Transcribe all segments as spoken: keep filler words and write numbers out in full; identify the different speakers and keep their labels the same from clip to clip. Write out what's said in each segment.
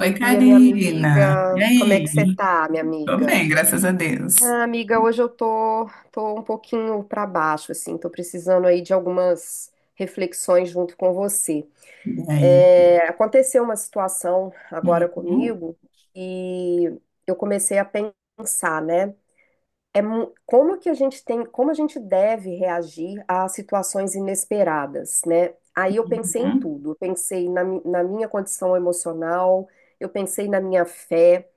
Speaker 1: Oi,
Speaker 2: Oi, Bia, minha
Speaker 1: Karina. E
Speaker 2: amiga. Como é que você
Speaker 1: aí?
Speaker 2: tá, minha
Speaker 1: Tô
Speaker 2: amiga?
Speaker 1: bem, graças a Deus.
Speaker 2: Ah, amiga, hoje eu tô, tô um pouquinho pra baixo, assim, tô precisando aí de algumas reflexões junto com você.
Speaker 1: E aí?
Speaker 2: É, aconteceu uma situação agora
Speaker 1: Uhum,
Speaker 2: comigo e eu comecei a pensar, né? É, mu- como que a gente tem, como a gente deve reagir a situações inesperadas, né? Aí eu pensei em
Speaker 1: uhum,
Speaker 2: tudo, eu pensei na, mi- na minha condição emocional, eu pensei na minha fé.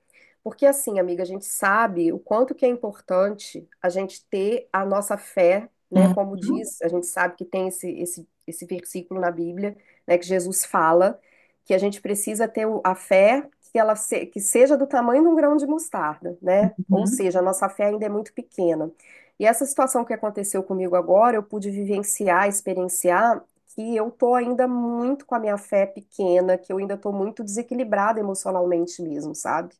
Speaker 2: Porque assim, amiga, a gente sabe o quanto que é importante a gente ter a nossa fé, né?
Speaker 1: uhum,
Speaker 2: Como diz, a gente sabe que tem esse, esse, esse versículo na Bíblia, né? Que Jesus fala que a gente precisa ter o- a fé, que ela se- que seja do tamanho de um grão de mostarda, né? Ou
Speaker 1: uhum.
Speaker 2: seja, a nossa fé ainda é muito pequena. E essa situação que aconteceu comigo agora, eu pude vivenciar, experienciar que eu tô ainda muito com a minha fé pequena, que eu ainda tô muito desequilibrada emocionalmente mesmo, sabe?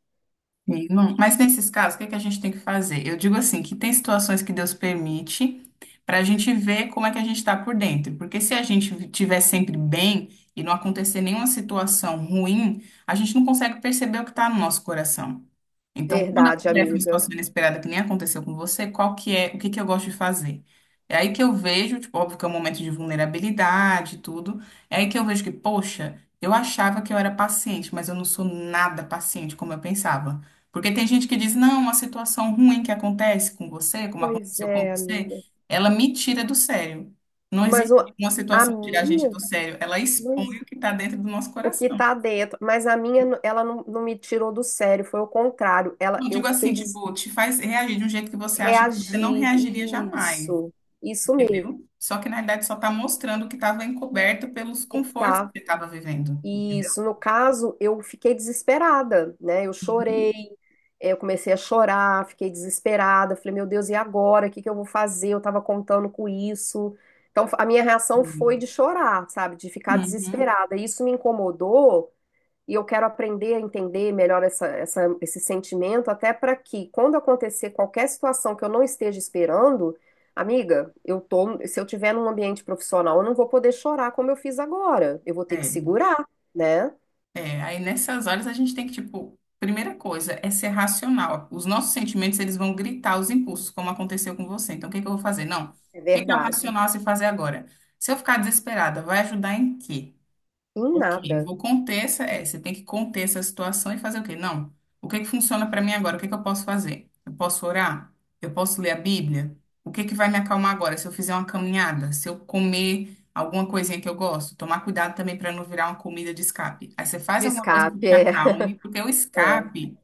Speaker 1: Sim, não. Mas nesses casos, o que que a gente tem que fazer? Eu digo assim, que tem situações que Deus permite para a gente ver como é que a gente está por dentro. Porque se a gente estiver sempre bem e não acontecer nenhuma situação ruim, a gente não consegue perceber o que está no nosso coração. Então, quando
Speaker 2: Verdade,
Speaker 1: acontece uma
Speaker 2: amiga.
Speaker 1: situação inesperada que nem aconteceu com você, qual que é, o que que eu gosto de fazer? É aí que eu vejo, tipo, óbvio que é um momento de vulnerabilidade e tudo, é aí que eu vejo que, poxa, eu achava que eu era paciente, mas eu não sou nada paciente como eu pensava. Porque tem gente que diz, não, uma situação ruim que acontece com você, como
Speaker 2: Pois
Speaker 1: aconteceu com
Speaker 2: é,
Speaker 1: você,
Speaker 2: amiga.
Speaker 1: ela me tira do sério. Não
Speaker 2: Mas
Speaker 1: existe
Speaker 2: o,
Speaker 1: uma
Speaker 2: a
Speaker 1: situação que tira a gente
Speaker 2: minha,
Speaker 1: do sério, ela expõe
Speaker 2: mas
Speaker 1: o que está dentro do nosso
Speaker 2: o que
Speaker 1: coração.
Speaker 2: tá dentro, mas a minha, n- ela não, não me tirou do sério, foi o contrário. Ela,
Speaker 1: Não
Speaker 2: eu
Speaker 1: digo assim,
Speaker 2: fiquei des...
Speaker 1: tipo, te faz reagir de um jeito que você acha que você não
Speaker 2: reagir.
Speaker 1: reagiria jamais,
Speaker 2: Isso, isso mesmo.
Speaker 1: entendeu? Só que na verdade só está mostrando o que estava encoberto pelos
Speaker 2: Que
Speaker 1: confortos que
Speaker 2: tá
Speaker 1: você estava vivendo, entendeu?
Speaker 2: Isso, no caso, eu fiquei desesperada, né? Eu chorei,
Speaker 1: Uhum.
Speaker 2: eh, eu comecei a chorar, fiquei desesperada. Falei, meu Deus, e agora? O que que eu vou fazer? Eu tava contando com isso. Então, a minha reação foi
Speaker 1: Uhum.
Speaker 2: de chorar, sabe? De ficar
Speaker 1: Uhum.
Speaker 2: desesperada. Isso me incomodou e eu quero aprender a entender melhor essa, essa- esse sentimento, até para que, quando acontecer qualquer situação que eu não esteja esperando, amiga, eu tô, se eu tiver num ambiente profissional, eu não vou poder chorar como eu fiz agora. Eu vou ter que
Speaker 1: É.
Speaker 2: segurar, né?
Speaker 1: É, aí nessas horas a gente tem que, tipo, primeira coisa é ser racional. Os nossos sentimentos, eles vão gritar os impulsos, como aconteceu com você. Então, o que que eu vou fazer? Não. O
Speaker 2: É
Speaker 1: que que é o
Speaker 2: verdade.
Speaker 1: racional a se fazer agora? Se eu ficar desesperada, vai ajudar em quê?
Speaker 2: Em
Speaker 1: Ok,
Speaker 2: nada.
Speaker 1: vou conter essa. É, você tem que conter essa situação e fazer o quê? Não. O que que funciona para mim agora? O que que eu posso fazer? Eu posso orar? Eu posso ler a Bíblia? O que que vai me acalmar agora? Se eu fizer uma caminhada, se eu comer alguma coisinha que eu gosto, tomar cuidado também para não virar uma comida de escape. Aí você faz
Speaker 2: De
Speaker 1: alguma coisa que
Speaker 2: escape,
Speaker 1: te
Speaker 2: é,
Speaker 1: acalme, porque o
Speaker 2: é,
Speaker 1: escape,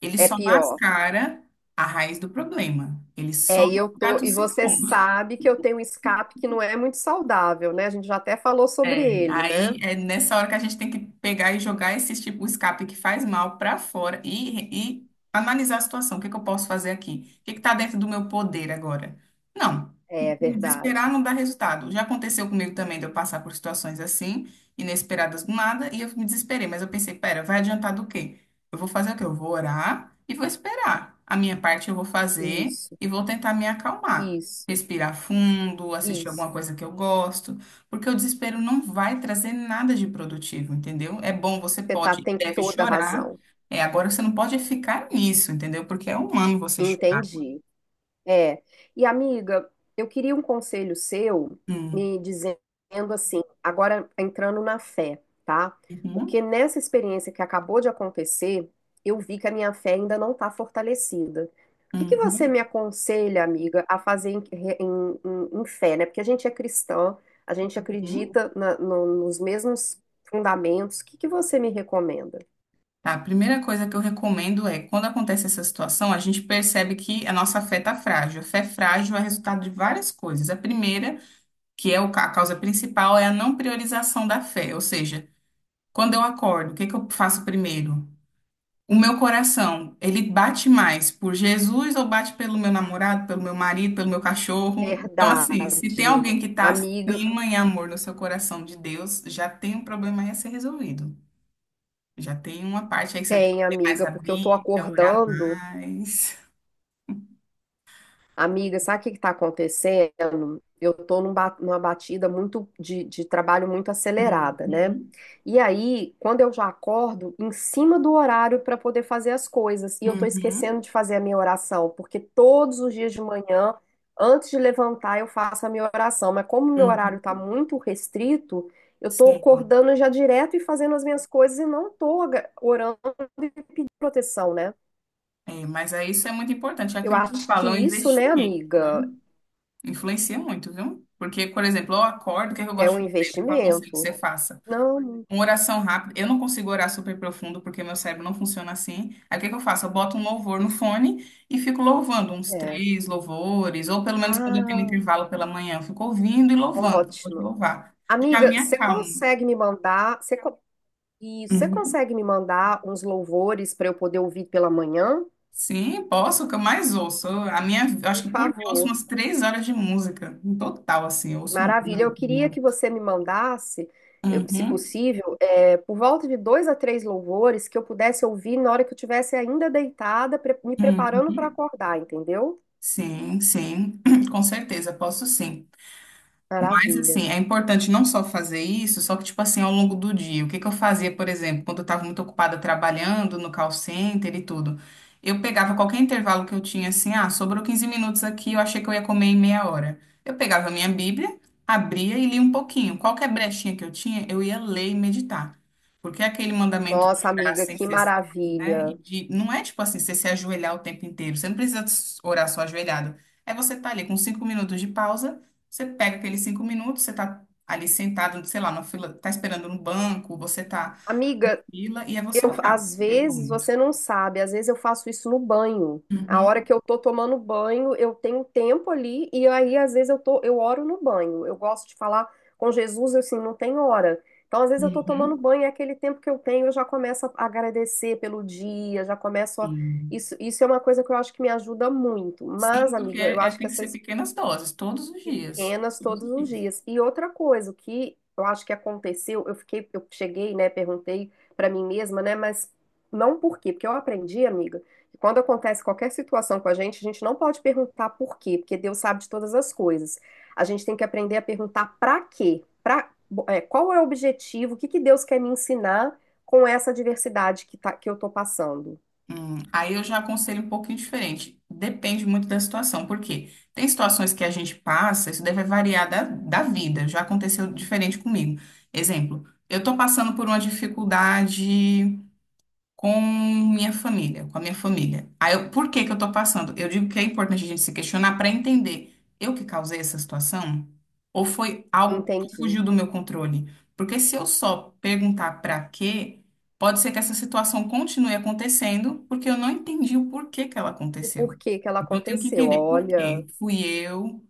Speaker 1: ele
Speaker 2: é
Speaker 1: só
Speaker 2: pior.
Speaker 1: mascara a raiz do problema. Ele só
Speaker 2: É, e eu tô,
Speaker 1: trata o
Speaker 2: e você
Speaker 1: sintoma.
Speaker 2: sabe que eu tenho um escape que não é muito saudável, né? A gente já até falou sobre
Speaker 1: É,
Speaker 2: ele, né?
Speaker 1: aí é nessa hora que a gente tem que pegar e jogar esse tipo, o escape que faz mal para fora e, e analisar a situação. O que que eu posso fazer aqui? O que está dentro do meu poder agora? Não,
Speaker 2: É
Speaker 1: desesperar
Speaker 2: verdade.
Speaker 1: não dá resultado. Já aconteceu comigo também de eu passar por situações assim, inesperadas do nada, e eu me desesperei, mas eu pensei, pera, vai adiantar do quê? Eu vou fazer o quê? Eu vou orar e vou esperar. A minha parte eu vou fazer
Speaker 2: Isso,
Speaker 1: e vou tentar me acalmar.
Speaker 2: isso,
Speaker 1: Respirar fundo, assistir alguma
Speaker 2: isso.
Speaker 1: coisa que eu gosto porque o desespero não vai trazer nada de produtivo, entendeu? É bom, você
Speaker 2: Você tá,
Speaker 1: pode,
Speaker 2: tem
Speaker 1: deve
Speaker 2: toda a
Speaker 1: chorar.
Speaker 2: razão.
Speaker 1: É, agora você não pode ficar nisso, entendeu? Porque é humano você chorar.
Speaker 2: Entendi. É. E amiga, eu queria um conselho seu
Speaker 1: Hum,
Speaker 2: me dizendo assim, agora entrando na fé, tá?
Speaker 1: uhum,
Speaker 2: Porque nessa experiência que acabou de acontecer, eu vi que a minha fé ainda não está fortalecida. O que que você me
Speaker 1: uhum,
Speaker 2: aconselha, amiga, a fazer em, em- em- em fé, né? Porque a gente é cristã, a gente
Speaker 1: uhum.
Speaker 2: acredita na- no- nos mesmos fundamentos. O que que você me recomenda?
Speaker 1: Tá, a primeira coisa que eu recomendo é, quando acontece essa situação, a gente percebe que a nossa fé tá frágil. A fé frágil é resultado de várias coisas. A primeira, que é o ca- a causa principal, é a não priorização da fé. Ou seja, quando eu acordo, o que que eu faço primeiro? O meu coração, ele bate mais por Jesus ou bate pelo meu namorado, pelo meu marido, pelo meu cachorro? Então, assim, se tem
Speaker 2: Verdade.
Speaker 1: alguém que está
Speaker 2: Amiga,
Speaker 1: acima em amor no seu coração de Deus, já tem um problema aí a ser resolvido. Já tem uma parte aí que você tem que
Speaker 2: tem,
Speaker 1: ler mais
Speaker 2: amiga,
Speaker 1: a
Speaker 2: porque eu tô
Speaker 1: Bíblia, orar
Speaker 2: acordando.
Speaker 1: mais.
Speaker 2: Amiga, sabe o que que tá acontecendo? Eu tô num ba- numa batida muito de, de trabalho muito acelerada, né?
Speaker 1: Uhum,
Speaker 2: E aí, quando eu já acordo, em cima do horário para poder fazer as coisas, e eu tô
Speaker 1: uhum,
Speaker 2: esquecendo de fazer a minha oração, porque todos os dias de manhã, antes de levantar, eu faço a minha oração, mas como o meu horário tá
Speaker 1: uhum.
Speaker 2: muito restrito, eu tô
Speaker 1: Sim.
Speaker 2: acordando já direto e fazendo as minhas coisas e não tô aga- orando e pedindo proteção, né?
Speaker 1: É, mas aí isso é muito importante. É
Speaker 2: Eu
Speaker 1: aquilo que eu
Speaker 2: acho que
Speaker 1: falo, é um
Speaker 2: isso, né,
Speaker 1: investimento, né?
Speaker 2: amiga,
Speaker 1: Influencia muito, viu? Porque, por exemplo, eu acordo, o que é que eu
Speaker 2: é
Speaker 1: gosto
Speaker 2: um
Speaker 1: de fazer? O que eu aconselho que
Speaker 2: investimento.
Speaker 1: você faça?
Speaker 2: Não, não
Speaker 1: Uma oração rápida. Eu não consigo orar super profundo porque meu cérebro não funciona assim. Aí o que que eu faço? Eu boto um louvor no fone e fico louvando uns
Speaker 2: é.
Speaker 1: três louvores, ou pelo menos quando eu tenho
Speaker 2: Ah,
Speaker 1: intervalo pela manhã, eu fico ouvindo e louvando. Pode
Speaker 2: ótimo.
Speaker 1: louvar. Já me
Speaker 2: Amiga, você
Speaker 1: acalmo.
Speaker 2: consegue me mandar, você, co- isso, você
Speaker 1: Uhum.
Speaker 2: consegue me mandar uns louvores para eu poder ouvir pela manhã?
Speaker 1: Sim, posso, o que eu mais ouço. Eu- A minha, eu acho
Speaker 2: Por
Speaker 1: que por dia eu ouço
Speaker 2: favor.
Speaker 1: umas três horas de música, em total, assim, eu ouço
Speaker 2: Maravilha. Eu
Speaker 1: muito,
Speaker 2: queria que
Speaker 1: muito.
Speaker 2: você me mandasse, eu- se
Speaker 1: Uhum,
Speaker 2: possível, é, por volta de dois a três louvores que eu pudesse ouvir na hora que eu estivesse ainda deitada, pre- me
Speaker 1: uhum.
Speaker 2: preparando para acordar, entendeu?
Speaker 1: Sim, sim, com certeza, posso sim. Mas
Speaker 2: Maravilha.
Speaker 1: assim, é importante não só fazer isso, só que tipo assim, ao longo do dia, o que que eu fazia, por exemplo, quando eu estava muito ocupada trabalhando no call center e tudo, eu pegava qualquer intervalo que eu tinha assim, ah, sobrou quinze minutos aqui, eu achei que eu ia comer em meia hora. Eu pegava a minha Bíblia, abria e lia um pouquinho. Qualquer brechinha que eu tinha, eu ia ler e meditar. Porque é aquele mandamento de
Speaker 2: Nossa, amiga,
Speaker 1: graça sem
Speaker 2: que
Speaker 1: cessar, né? E
Speaker 2: maravilha.
Speaker 1: de, não é tipo assim, você se ajoelhar o tempo inteiro. Você não precisa orar só ajoelhado. É você estar ali com cinco minutos de pausa você pega aqueles cinco minutos, você tá ali sentado, sei lá, na fila, tá esperando no banco, você tá na
Speaker 2: Amiga,
Speaker 1: fila, e é você
Speaker 2: eu
Speaker 1: orar
Speaker 2: às
Speaker 1: naquele
Speaker 2: vezes
Speaker 1: momento.
Speaker 2: você não sabe, às vezes eu faço isso no banho. A hora
Speaker 1: Uhum,
Speaker 2: que eu tô tomando banho, eu tenho tempo ali e aí às vezes eu tô, eu oro no banho. Eu gosto de falar com Jesus, assim, não tem hora. Então, às vezes eu tô tomando
Speaker 1: uhum,
Speaker 2: banho, é aquele tempo que eu tenho, eu já começo a agradecer pelo dia, já começo a
Speaker 1: sim.
Speaker 2: isso, isso é uma coisa que eu acho que me ajuda muito.
Speaker 1: Sim,
Speaker 2: Mas,
Speaker 1: porque
Speaker 2: amiga, eu
Speaker 1: é,
Speaker 2: acho que
Speaker 1: tem que
Speaker 2: essa
Speaker 1: ser pequenas doses, todos os dias.
Speaker 2: pequenas
Speaker 1: Todos
Speaker 2: todos
Speaker 1: os
Speaker 2: os
Speaker 1: dias.
Speaker 2: dias. E outra coisa, o que eu acho que aconteceu, eu fiquei, eu cheguei, né, perguntei pra mim mesma, né, mas não por quê, porque eu aprendi, amiga, que quando acontece qualquer situação com a gente, a gente não pode perguntar por quê, porque Deus sabe de todas as coisas. A gente tem que aprender a perguntar pra quê, pra, é, qual é o objetivo, o que que Deus quer me ensinar com essa adversidade que tá, que eu tô passando.
Speaker 1: Hum, aí eu já aconselho um pouquinho diferente. Depende muito da situação, porque tem situações que a gente passa, isso deve variar da, da vida. Já aconteceu diferente comigo. Exemplo, eu tô passando por uma dificuldade. com minha família, com a minha família. Aí, eu- por que que eu tô passando? Eu digo que é importante a gente se questionar para entender, eu que causei essa situação? Ou foi algo que
Speaker 2: Entendi.
Speaker 1: fugiu do meu controle? Porque se eu só perguntar para quê, pode ser que essa situação continue acontecendo, porque eu não entendi o porquê que ela
Speaker 2: O
Speaker 1: aconteceu.
Speaker 2: porquê que ela
Speaker 1: Então, eu tenho que
Speaker 2: aconteceu.
Speaker 1: entender por
Speaker 2: Olha,
Speaker 1: quê. Fui eu,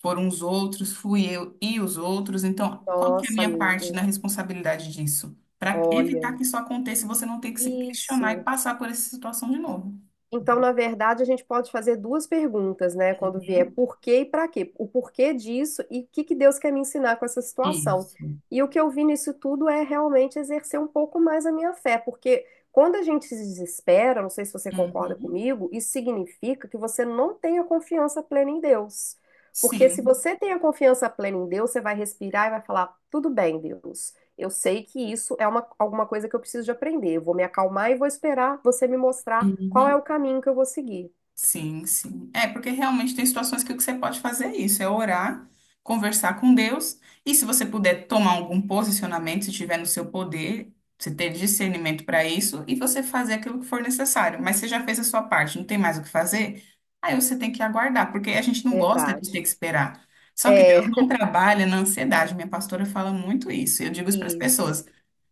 Speaker 1: foram os outros, fui eu e os outros. Então, qual que é a
Speaker 2: nossa,
Speaker 1: minha parte
Speaker 2: amiga,
Speaker 1: na responsabilidade disso? Para evitar
Speaker 2: olha.
Speaker 1: que isso aconteça e você não ter que se questionar e
Speaker 2: Isso.
Speaker 1: passar por essa situação de novo.
Speaker 2: Então, na verdade, a gente pode fazer duas perguntas, né? Quando vier
Speaker 1: Uhum.
Speaker 2: por quê e para quê. O porquê disso e o que que Deus quer me ensinar com essa situação.
Speaker 1: Isso.
Speaker 2: E o que eu vi nisso tudo é realmente exercer um pouco mais a minha fé, porque quando a gente se desespera, não sei se você concorda
Speaker 1: Uhum.
Speaker 2: comigo, isso significa que você não tem a confiança plena em Deus. Porque se
Speaker 1: Sim.
Speaker 2: você tem a confiança plena em Deus, você vai respirar e vai falar: tudo bem, Deus. Eu sei que isso é uma, alguma coisa que eu preciso de aprender. Eu vou me acalmar e vou esperar você me mostrar qual é
Speaker 1: Uhum.
Speaker 2: o caminho que eu vou seguir.
Speaker 1: Sim, sim. É, porque realmente tem situações que o que você pode fazer é isso, é orar, conversar com Deus, e se você puder tomar algum posicionamento, se tiver no seu poder, você ter discernimento para isso, e você fazer aquilo que for necessário. Mas você já fez a sua parte, não tem mais o que fazer? Aí você tem que aguardar, porque a gente não gosta de ter
Speaker 2: Verdade.
Speaker 1: que esperar. Só que
Speaker 2: É,
Speaker 1: Deus não trabalha na ansiedade. Minha pastora fala muito isso. Eu digo isso para as
Speaker 2: isso.
Speaker 1: pessoas.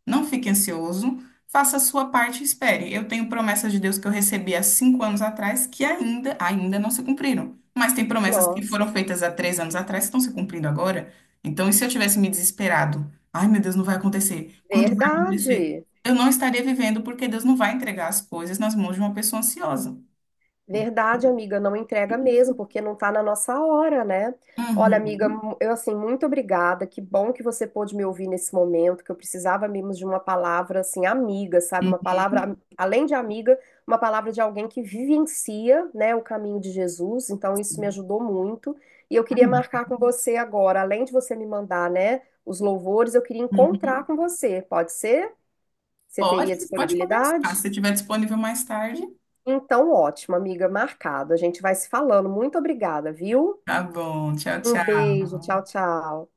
Speaker 1: Não fique ansioso. Faça a sua parte e espere. Eu tenho promessas de Deus que eu recebi há cinco anos atrás que ainda, ainda não se cumpriram. Mas tem promessas que
Speaker 2: Nossa,
Speaker 1: foram feitas há três anos atrás que estão se cumprindo agora. Então, e se eu tivesse me desesperado? Ai, meu Deus, não vai acontecer. Quando vai acontecer?
Speaker 2: verdade.
Speaker 1: Eu não estaria vivendo porque Deus não vai entregar as coisas nas mãos de uma pessoa ansiosa.
Speaker 2: Verdade, amiga, não
Speaker 1: É
Speaker 2: entrega mesmo,
Speaker 1: isso.
Speaker 2: porque não tá na nossa hora, né? Olha, amiga,
Speaker 1: Uhum.
Speaker 2: mu- eu assim, muito obrigada. Que bom que você pôde me ouvir nesse momento, que eu precisava mesmo de uma palavra assim, amiga, sabe? Uma palavra, am- além de amiga, uma palavra de alguém que vivencia, né, o caminho de Jesus. Então, isso me
Speaker 1: Uhum.
Speaker 2: ajudou muito. E eu queria
Speaker 1: Ai,
Speaker 2: marcar com você agora, além de você me mandar, né, os louvores, eu queria encontrar
Speaker 1: uhum.
Speaker 2: com você. Pode ser? Você
Speaker 1: Pode,
Speaker 2: teria
Speaker 1: pode conversar. Se
Speaker 2: disponibilidade?
Speaker 1: você estiver disponível mais tarde.
Speaker 2: Então, ótimo, amiga, marcado. A gente vai se falando. Muito obrigada, viu?
Speaker 1: Tá bom. Tchau,
Speaker 2: Um beijo, tchau,
Speaker 1: tchau.
Speaker 2: tchau.